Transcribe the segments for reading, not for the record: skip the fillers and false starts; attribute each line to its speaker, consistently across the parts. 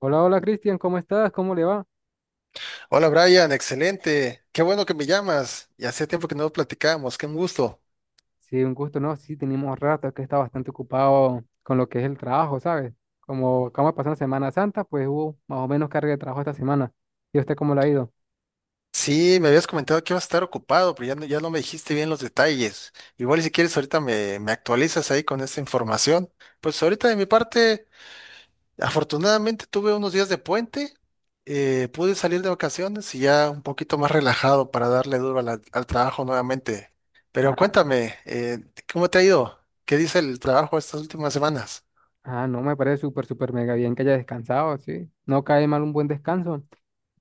Speaker 1: Hola, hola Cristian, ¿cómo estás? ¿Cómo le va?
Speaker 2: Hola Brian, excelente. Qué bueno que me llamas. Ya hacía tiempo que no platicábamos, qué un gusto.
Speaker 1: Sí, un gusto, ¿no? Sí, tenemos rato que está bastante ocupado con lo que es el trabajo, ¿sabes? Como acaba de pasar una Semana Santa, pues hubo más o menos carga de trabajo esta semana. ¿Y usted cómo le ha ido?
Speaker 2: Sí, me habías comentado que ibas a estar ocupado, pero ya no, ya no me dijiste bien los detalles. Igual y si quieres ahorita me actualizas ahí con esta información. Pues ahorita de mi parte, afortunadamente tuve unos días de puente, pude salir de vacaciones y ya un poquito más relajado para darle duro a al trabajo nuevamente. Pero
Speaker 1: Ah,
Speaker 2: cuéntame, ¿cómo te ha ido? ¿Qué dice el trabajo estas últimas semanas?
Speaker 1: ah, no, me parece súper, súper mega bien que haya descansado, sí. No cae mal un buen descanso.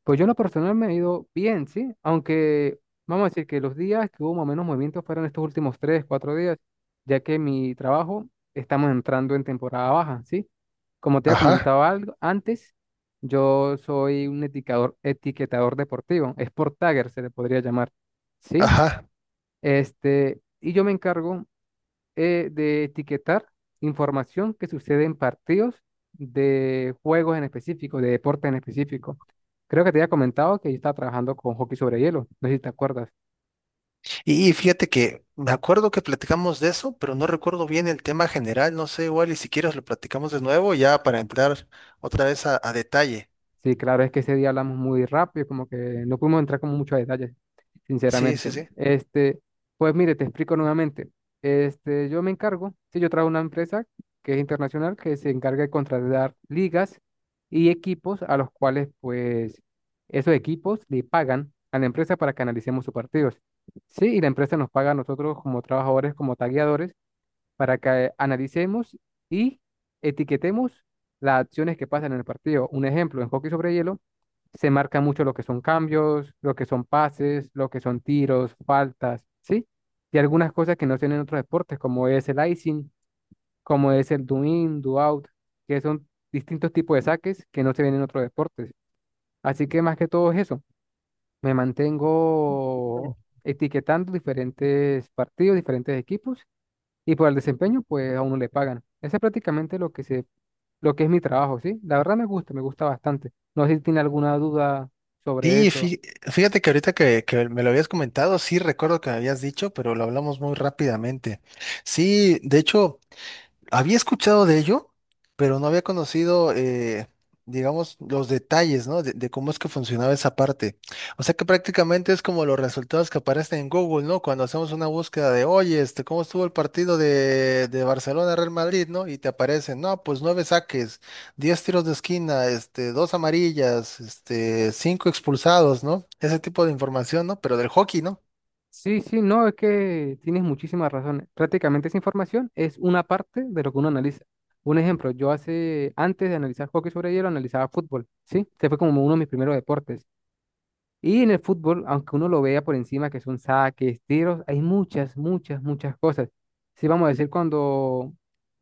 Speaker 1: Pues yo en lo personal me he ido bien, ¿sí? Aunque vamos a decir que los días que hubo más o menos movimientos fueron estos últimos tres, cuatro días, ya que mi trabajo estamos entrando en temporada baja, ¿sí? Como te había
Speaker 2: Ajá,
Speaker 1: comentado algo antes, yo soy un etiquetador, etiquetador deportivo, sport tagger se le podría llamar, ¿sí?
Speaker 2: ajá.
Speaker 1: Y yo me encargo de etiquetar información que sucede en partidos de juegos en específico, de deportes en especíco. Creo que te había comentado que yo estaba trabajando con hockey sobre hielo, no sé si te acuerdas.
Speaker 2: Y fíjate que me acuerdo que platicamos de eso, pero no recuerdo bien el tema general. No sé, igual y si quieres lo platicamos de nuevo ya para entrar otra vez a detalle.
Speaker 1: Sí, claro, es que ese día hablamos muy rápido, como que no pudimos entrar con muchos detalles,
Speaker 2: Sí,
Speaker 1: sinceramente.
Speaker 2: sí, sí.
Speaker 1: Pues mire, te explico nuevamente. Yo me encargo, sí, yo trabajo en una empresa que es internacional, que se encarga de contratar ligas y equipos a los cuales, pues, esos equipos le pagan a la empresa para que analicemos sus partidos. Sí, y la empresa nos paga a nosotros como trabajadores, como tagueadores para que analicemos y etiquetemos las acciones que pasan en el partido. Un ejemplo, en hockey sobre hielo se marca mucho lo que son cambios, lo que son pases, lo que son tiros, faltas, ¿sí? Y algunas cosas que no se ven en otros deportes, como es el icing, como es el do in, do out, que son distintos tipos de saques que no se ven en otros deportes. Así que más que todo es eso, me
Speaker 2: Mm.
Speaker 1: mantengo etiquetando diferentes partidos, diferentes equipos y por el desempeño, pues a uno le pagan. Ese es prácticamente lo que se, lo que es mi trabajo, ¿sí? La verdad me gusta bastante. No sé si tiene alguna duda sobre
Speaker 2: Sí,
Speaker 1: eso.
Speaker 2: fí- Fíjate que ahorita que me lo habías comentado, sí recuerdo que me habías dicho, pero lo hablamos muy rápidamente. Sí, de hecho. Había escuchado de ello, pero no había conocido, digamos, los detalles, ¿no? De cómo es que funcionaba esa parte. O sea que prácticamente es como los resultados que aparecen en Google, ¿no? Cuando hacemos una búsqueda de, oye, este, ¿cómo estuvo el partido de Barcelona-Real Madrid, ¿no? Y te aparecen, no, pues nueve saques, diez tiros de esquina, este, dos amarillas, este, cinco expulsados, ¿no? Ese tipo de información, ¿no? Pero del hockey, ¿no?
Speaker 1: Sí, sí, no, es que tienes muchísimas razones. Prácticamente esa información es una parte de lo que uno analiza. Un ejemplo, yo hace, antes de analizar hockey sobre hielo, analizaba fútbol, ¿sí? Este fue como uno de mis primeros deportes. Y en el fútbol, aunque uno lo vea por encima, que son saques, tiros, hay muchas, muchas, muchas cosas. Sí, vamos a decir, cuando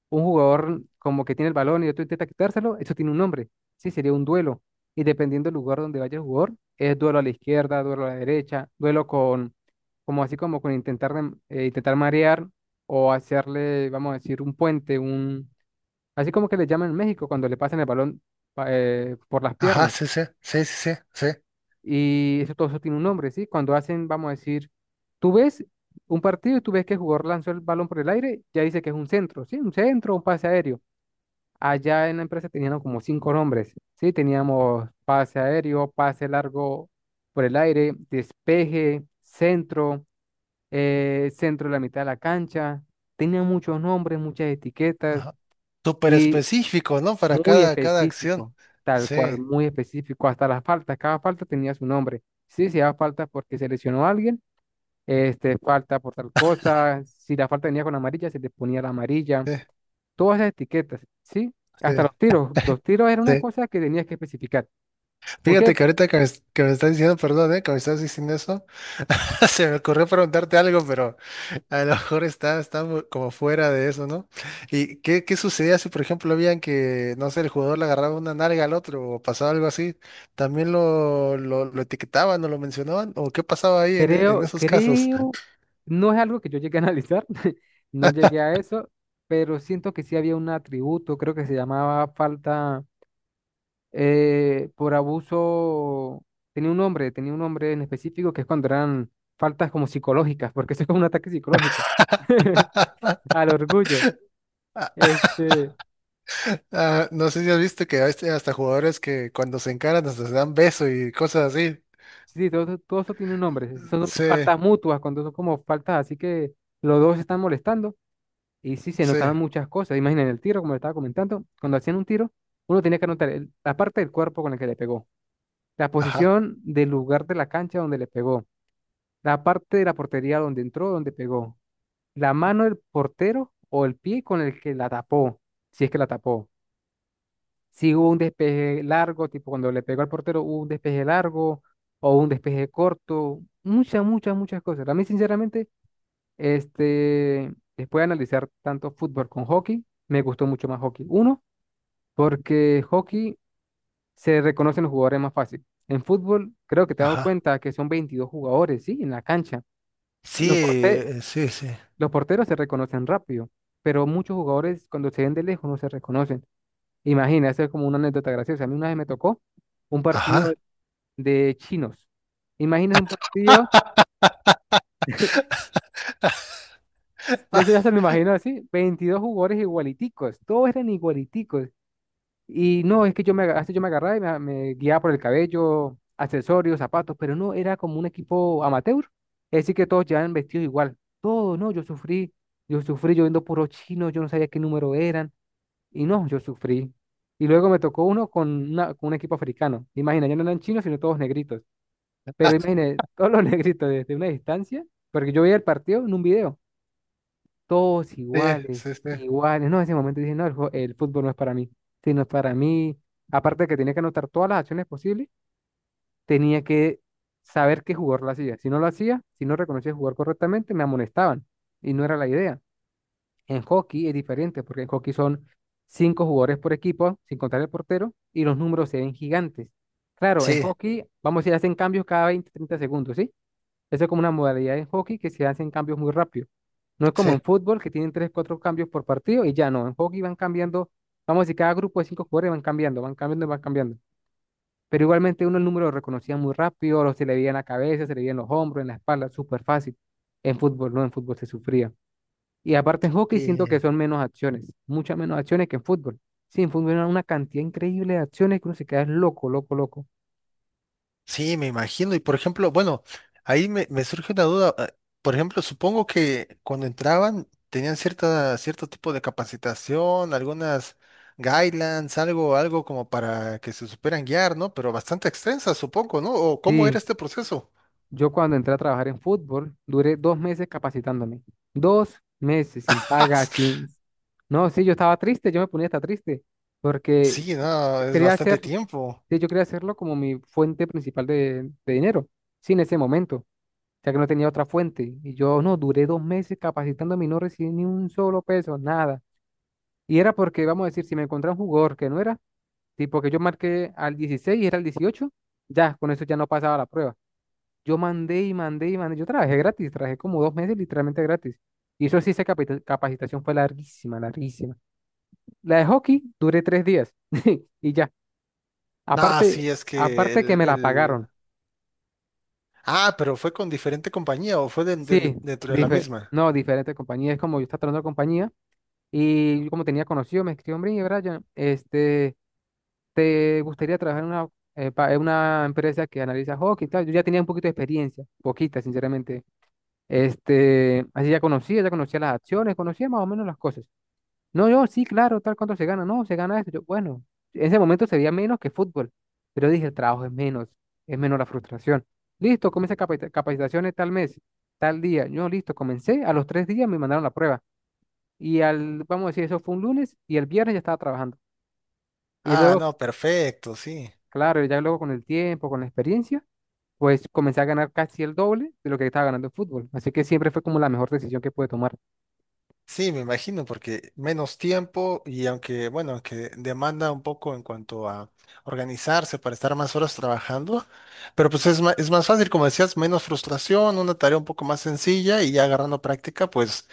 Speaker 1: un jugador como que tiene el balón y otro intenta quitárselo, eso tiene un nombre. Sí, sería un duelo. Y dependiendo del lugar donde vaya el jugador, es duelo a la izquierda, duelo a la derecha, duelo con, como así como con intentar, intentar marear o hacerle, vamos a decir, un puente, un, así como que le llaman en México cuando le pasan el balón por las
Speaker 2: Ajá,
Speaker 1: piernas.
Speaker 2: sí, sí, sí, sí, sí, sí.
Speaker 1: Y eso todo eso tiene un nombre, ¿sí? Cuando hacen, vamos a decir, tú ves un partido y tú ves que el jugador lanzó el balón por el aire, ya dice que es un centro, ¿sí? Un centro, un pase aéreo. Allá en la empresa teníamos como cinco nombres, ¿sí? Teníamos pase aéreo, pase largo por el aire, despeje, centro, centro de la mitad de la cancha. Tenía muchos nombres, muchas etiquetas
Speaker 2: Ajá. Súper
Speaker 1: y
Speaker 2: específico, ¿no? Para
Speaker 1: muy
Speaker 2: cada, cada acción.
Speaker 1: específico, tal
Speaker 2: Sí,
Speaker 1: cual, muy específico. Hasta las faltas, cada falta tenía su nombre. Sí, si era falta porque se lesionó a alguien, falta por tal cosa. Si la falta venía con amarilla, se le ponía la amarilla,
Speaker 2: sí,
Speaker 1: todas las etiquetas, ¿sí?
Speaker 2: sí,
Speaker 1: Hasta los tiros. Los tiros era una
Speaker 2: sí.
Speaker 1: cosa que tenías que especificar. Aunque
Speaker 2: Fíjate que ahorita que que me estás diciendo, perdón, ¿eh? Que me estás diciendo eso, se me ocurrió preguntarte algo, pero a lo mejor está, como fuera de eso, ¿no? ¿Y qué, qué sucedía si, por ejemplo, veían que, no sé, el jugador le agarraba una nalga al otro o pasaba algo así? ¿También lo etiquetaban o lo mencionaban? ¿O qué pasaba ahí en
Speaker 1: creo,
Speaker 2: esos casos?
Speaker 1: creo, no es algo que yo llegué a analizar, no llegué a eso, pero siento que sí había un atributo, creo que se llamaba falta por abuso, tenía un nombre en específico que es cuando eran faltas como psicológicas, porque eso es como un ataque psicológico al orgullo. Este,
Speaker 2: Ah, no sé si has visto que hay hasta jugadores que cuando se encaran hasta se dan beso y cosas así.
Speaker 1: Sí, todo, todo eso tiene un nombre. Sí, son
Speaker 2: Sí,
Speaker 1: faltas mutuas, cuando son como faltas, así que los dos se están molestando y sí se
Speaker 2: sí,
Speaker 1: notaban muchas cosas. Imaginen el tiro, como le estaba comentando, cuando hacían un tiro, uno tenía que anotar el- la parte del cuerpo con la que le pegó, la
Speaker 2: ajá,
Speaker 1: posición del lugar de la cancha donde le pegó, la parte de la portería donde entró, donde pegó, la mano del portero o el pie con el que la tapó, si es que la tapó, si hubo un despeje largo, tipo cuando le pegó al portero, hubo un despeje largo o un despeje corto, muchas, muchas, muchas cosas. A mí, sinceramente, después de analizar tanto fútbol con hockey, me gustó mucho más hockey. Uno, porque hockey se reconocen los jugadores más fácil. En fútbol, creo que te has dado
Speaker 2: ajá.
Speaker 1: cuenta que son 22 jugadores, ¿sí? En la cancha.
Speaker 2: Sí,
Speaker 1: Los porte-
Speaker 2: sí, sí.
Speaker 1: los porteros se reconocen rápido, pero muchos jugadores cuando se ven de lejos no se reconocen. Imagina, esto es como una anécdota graciosa. A mí una vez me tocó un partido
Speaker 2: Ajá.
Speaker 1: de chinos. Imagina un partido, yo ya se lo imagino así, 22 jugadores igualiticos, todos eran igualiticos. Y no, es que hasta yo me agarraba y me guiaba por el cabello, accesorios, zapatos, pero no, era como un equipo amateur. Es decir, que todos llevaban vestidos igual. Todos, no, yo sufrí, yo sufrí, yo viendo puros chinos, yo no sabía qué número eran. Y no, yo sufrí. Y luego me tocó uno con un equipo africano. Imagina, ya no eran chinos, sino todos negritos. Pero imagínate, todos los negritos desde una distancia, porque yo veía el partido en un video, todos
Speaker 2: Sí,
Speaker 1: iguales,
Speaker 2: sí, sí,
Speaker 1: iguales. No, en ese momento dije, no, el fútbol no es para mí, sino es para mí. Aparte de que tenía que anotar todas las acciones posibles, tenía que saber qué jugador lo hacía. Si no lo hacía, si no reconocía jugar correctamente, me amonestaban. Y no era la idea. En hockey es diferente, porque en hockey son 5 jugadores por equipo, sin contar el portero, y los números se ven gigantes. Claro, en
Speaker 2: sí,
Speaker 1: hockey, vamos a ir, hacen cambios cada 20-30 segundos, ¿sí? Eso es como una modalidad en hockey que se hacen cambios muy rápido. No es como
Speaker 2: sí.
Speaker 1: en fútbol que tienen tres, cuatro cambios por partido y ya no. En hockey van cambiando, vamos a decir, cada grupo de 5 jugadores van cambiando, y van cambiando. Pero igualmente uno el número lo reconocía muy rápido, lo se le veía en la cabeza, se le veía en los hombros, en la espalda, súper fácil. En fútbol no, en fútbol se sufría. Y aparte en hockey siento que
Speaker 2: Sí.
Speaker 1: son menos acciones, muchas menos acciones que en fútbol. Sí, en fútbol era una cantidad increíble de acciones que uno se queda es loco, loco, loco.
Speaker 2: Sí, me imagino. Y por ejemplo, bueno, me surge una duda. Por ejemplo, supongo que cuando entraban tenían cierta, cierto tipo de capacitación, algunas guidelines, algo, algo como para que se supieran guiar, ¿no? Pero bastante extensa, supongo, ¿no? ¿O cómo era
Speaker 1: Sí.
Speaker 2: este proceso?
Speaker 1: Yo cuando entré a trabajar en fútbol, duré 2 meses capacitándome. 2 meses sin. Paga, sin... No, sí, yo estaba triste, yo me ponía hasta triste, porque
Speaker 2: Sí, no, es
Speaker 1: quería
Speaker 2: bastante
Speaker 1: hacer,
Speaker 2: tiempo.
Speaker 1: sí, yo quería hacerlo como mi fuente principal de dinero, sí, en ese momento, ya que no tenía otra fuente. Y yo no, duré 2 meses capacitándome y no recibí ni un solo peso, nada. Y era porque, vamos a decir, si me encontraba un jugador que no era, tipo que yo marqué al 16 y era el 18, ya, con eso ya no pasaba la prueba. Yo mandé y mandé y mandé. Yo trabajé gratis, trabajé como 2 meses literalmente gratis. Y eso sí, esa capacitación fue larguísima, larguísima. La de hockey duré 3 días y ya.
Speaker 2: No,
Speaker 1: Aparte,
Speaker 2: sí, es que
Speaker 1: aparte que me la
Speaker 2: el...
Speaker 1: pagaron.
Speaker 2: Ah, pero fue con diferente compañía o fue
Speaker 1: Sí,
Speaker 2: dentro de la misma.
Speaker 1: no, diferente compañía. Es como yo estaba trabajando en compañía y yo como tenía conocido, me escribió, hombre, Brian, ¿te gustaría trabajar en una empresa que analiza hockey y tal? Yo ya tenía un poquito de experiencia, poquita, sinceramente. Así ya conocía las acciones, conocía más o menos las cosas. No, yo, sí, claro, tal cuánto se gana, no, se gana esto. Yo, bueno, en ese momento se veía menos que fútbol, pero dije, el trabajo es menos la frustración. Listo, comencé capacitaciones tal mes, tal día. Yo, listo, comencé, a los 3 días me mandaron la prueba. Y al, vamos a decir, eso fue un lunes y el viernes ya estaba trabajando. Y
Speaker 2: Ah,
Speaker 1: luego,
Speaker 2: no, perfecto, sí.
Speaker 1: claro, ya luego con el tiempo, con la experiencia, pues comencé a ganar casi el doble de lo que estaba ganando en fútbol. Así que siempre fue como la mejor decisión que pude tomar.
Speaker 2: Sí, me imagino, porque menos tiempo y aunque, bueno, aunque demanda un poco en cuanto a organizarse para estar más horas trabajando, pero pues es más fácil, como decías, menos frustración, una tarea un poco más sencilla y ya agarrando práctica, pues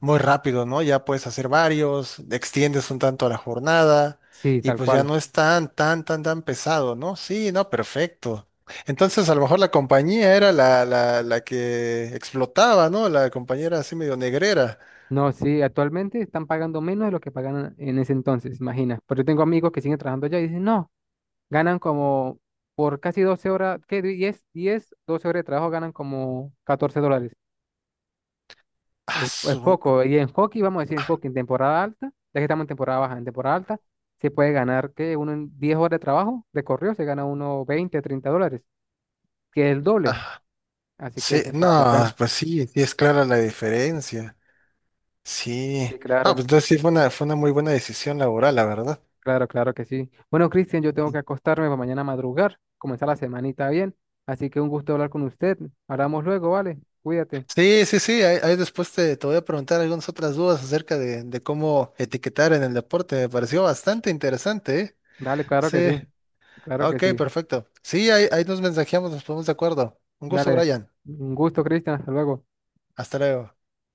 Speaker 2: muy rápido, ¿no? Ya puedes hacer varios, extiendes un tanto la jornada
Speaker 1: Sí,
Speaker 2: y
Speaker 1: tal
Speaker 2: pues ya
Speaker 1: cual.
Speaker 2: no es tan, tan, tan, tan pesado, ¿no? Sí, no, perfecto. Entonces, a lo mejor la compañía era la que explotaba, ¿no? La compañera así medio negrera.
Speaker 1: No, sí, actualmente están pagando menos de lo que pagaban en ese entonces, imagina. Pero yo tengo amigos que siguen trabajando allá y dicen, no, ganan como por casi 12 horas, ¿qué? 10 10 12 horas de trabajo ganan como $14.
Speaker 2: Ah,
Speaker 1: Es
Speaker 2: su-
Speaker 1: poco. Y en hockey, vamos a decir, en hockey, en temporada alta, ya que estamos en temporada baja, en temporada alta, se puede ganar, que uno en 10 horas de trabajo, de correo, se gana uno $20-30, que es el doble.
Speaker 2: ah,
Speaker 1: Así que
Speaker 2: sí,
Speaker 1: siempre vale la
Speaker 2: no,
Speaker 1: pena.
Speaker 2: pues sí, sí es clara la diferencia. Sí.
Speaker 1: Sí,
Speaker 2: Ah, pues
Speaker 1: claro.
Speaker 2: entonces sí fue una muy buena decisión laboral, la verdad.
Speaker 1: Claro, claro que sí. Bueno, Cristian, yo tengo que acostarme para mañana madrugar, comenzar la semanita bien. Así que un gusto hablar con usted. Hablamos luego, ¿vale? Cuídate.
Speaker 2: Sí, sí, sí, ahí, ahí después te voy a preguntar algunas otras dudas acerca de cómo etiquetar en el deporte. Me pareció bastante interesante, ¿eh?
Speaker 1: Dale, claro
Speaker 2: Sí,
Speaker 1: que sí. Claro que
Speaker 2: ok,
Speaker 1: sí.
Speaker 2: perfecto. Sí, ahí, ahí nos mensajeamos, nos ponemos de acuerdo. Un gusto,
Speaker 1: Dale.
Speaker 2: Brian.
Speaker 1: Un gusto, Cristian. Hasta luego.
Speaker 2: Hasta luego.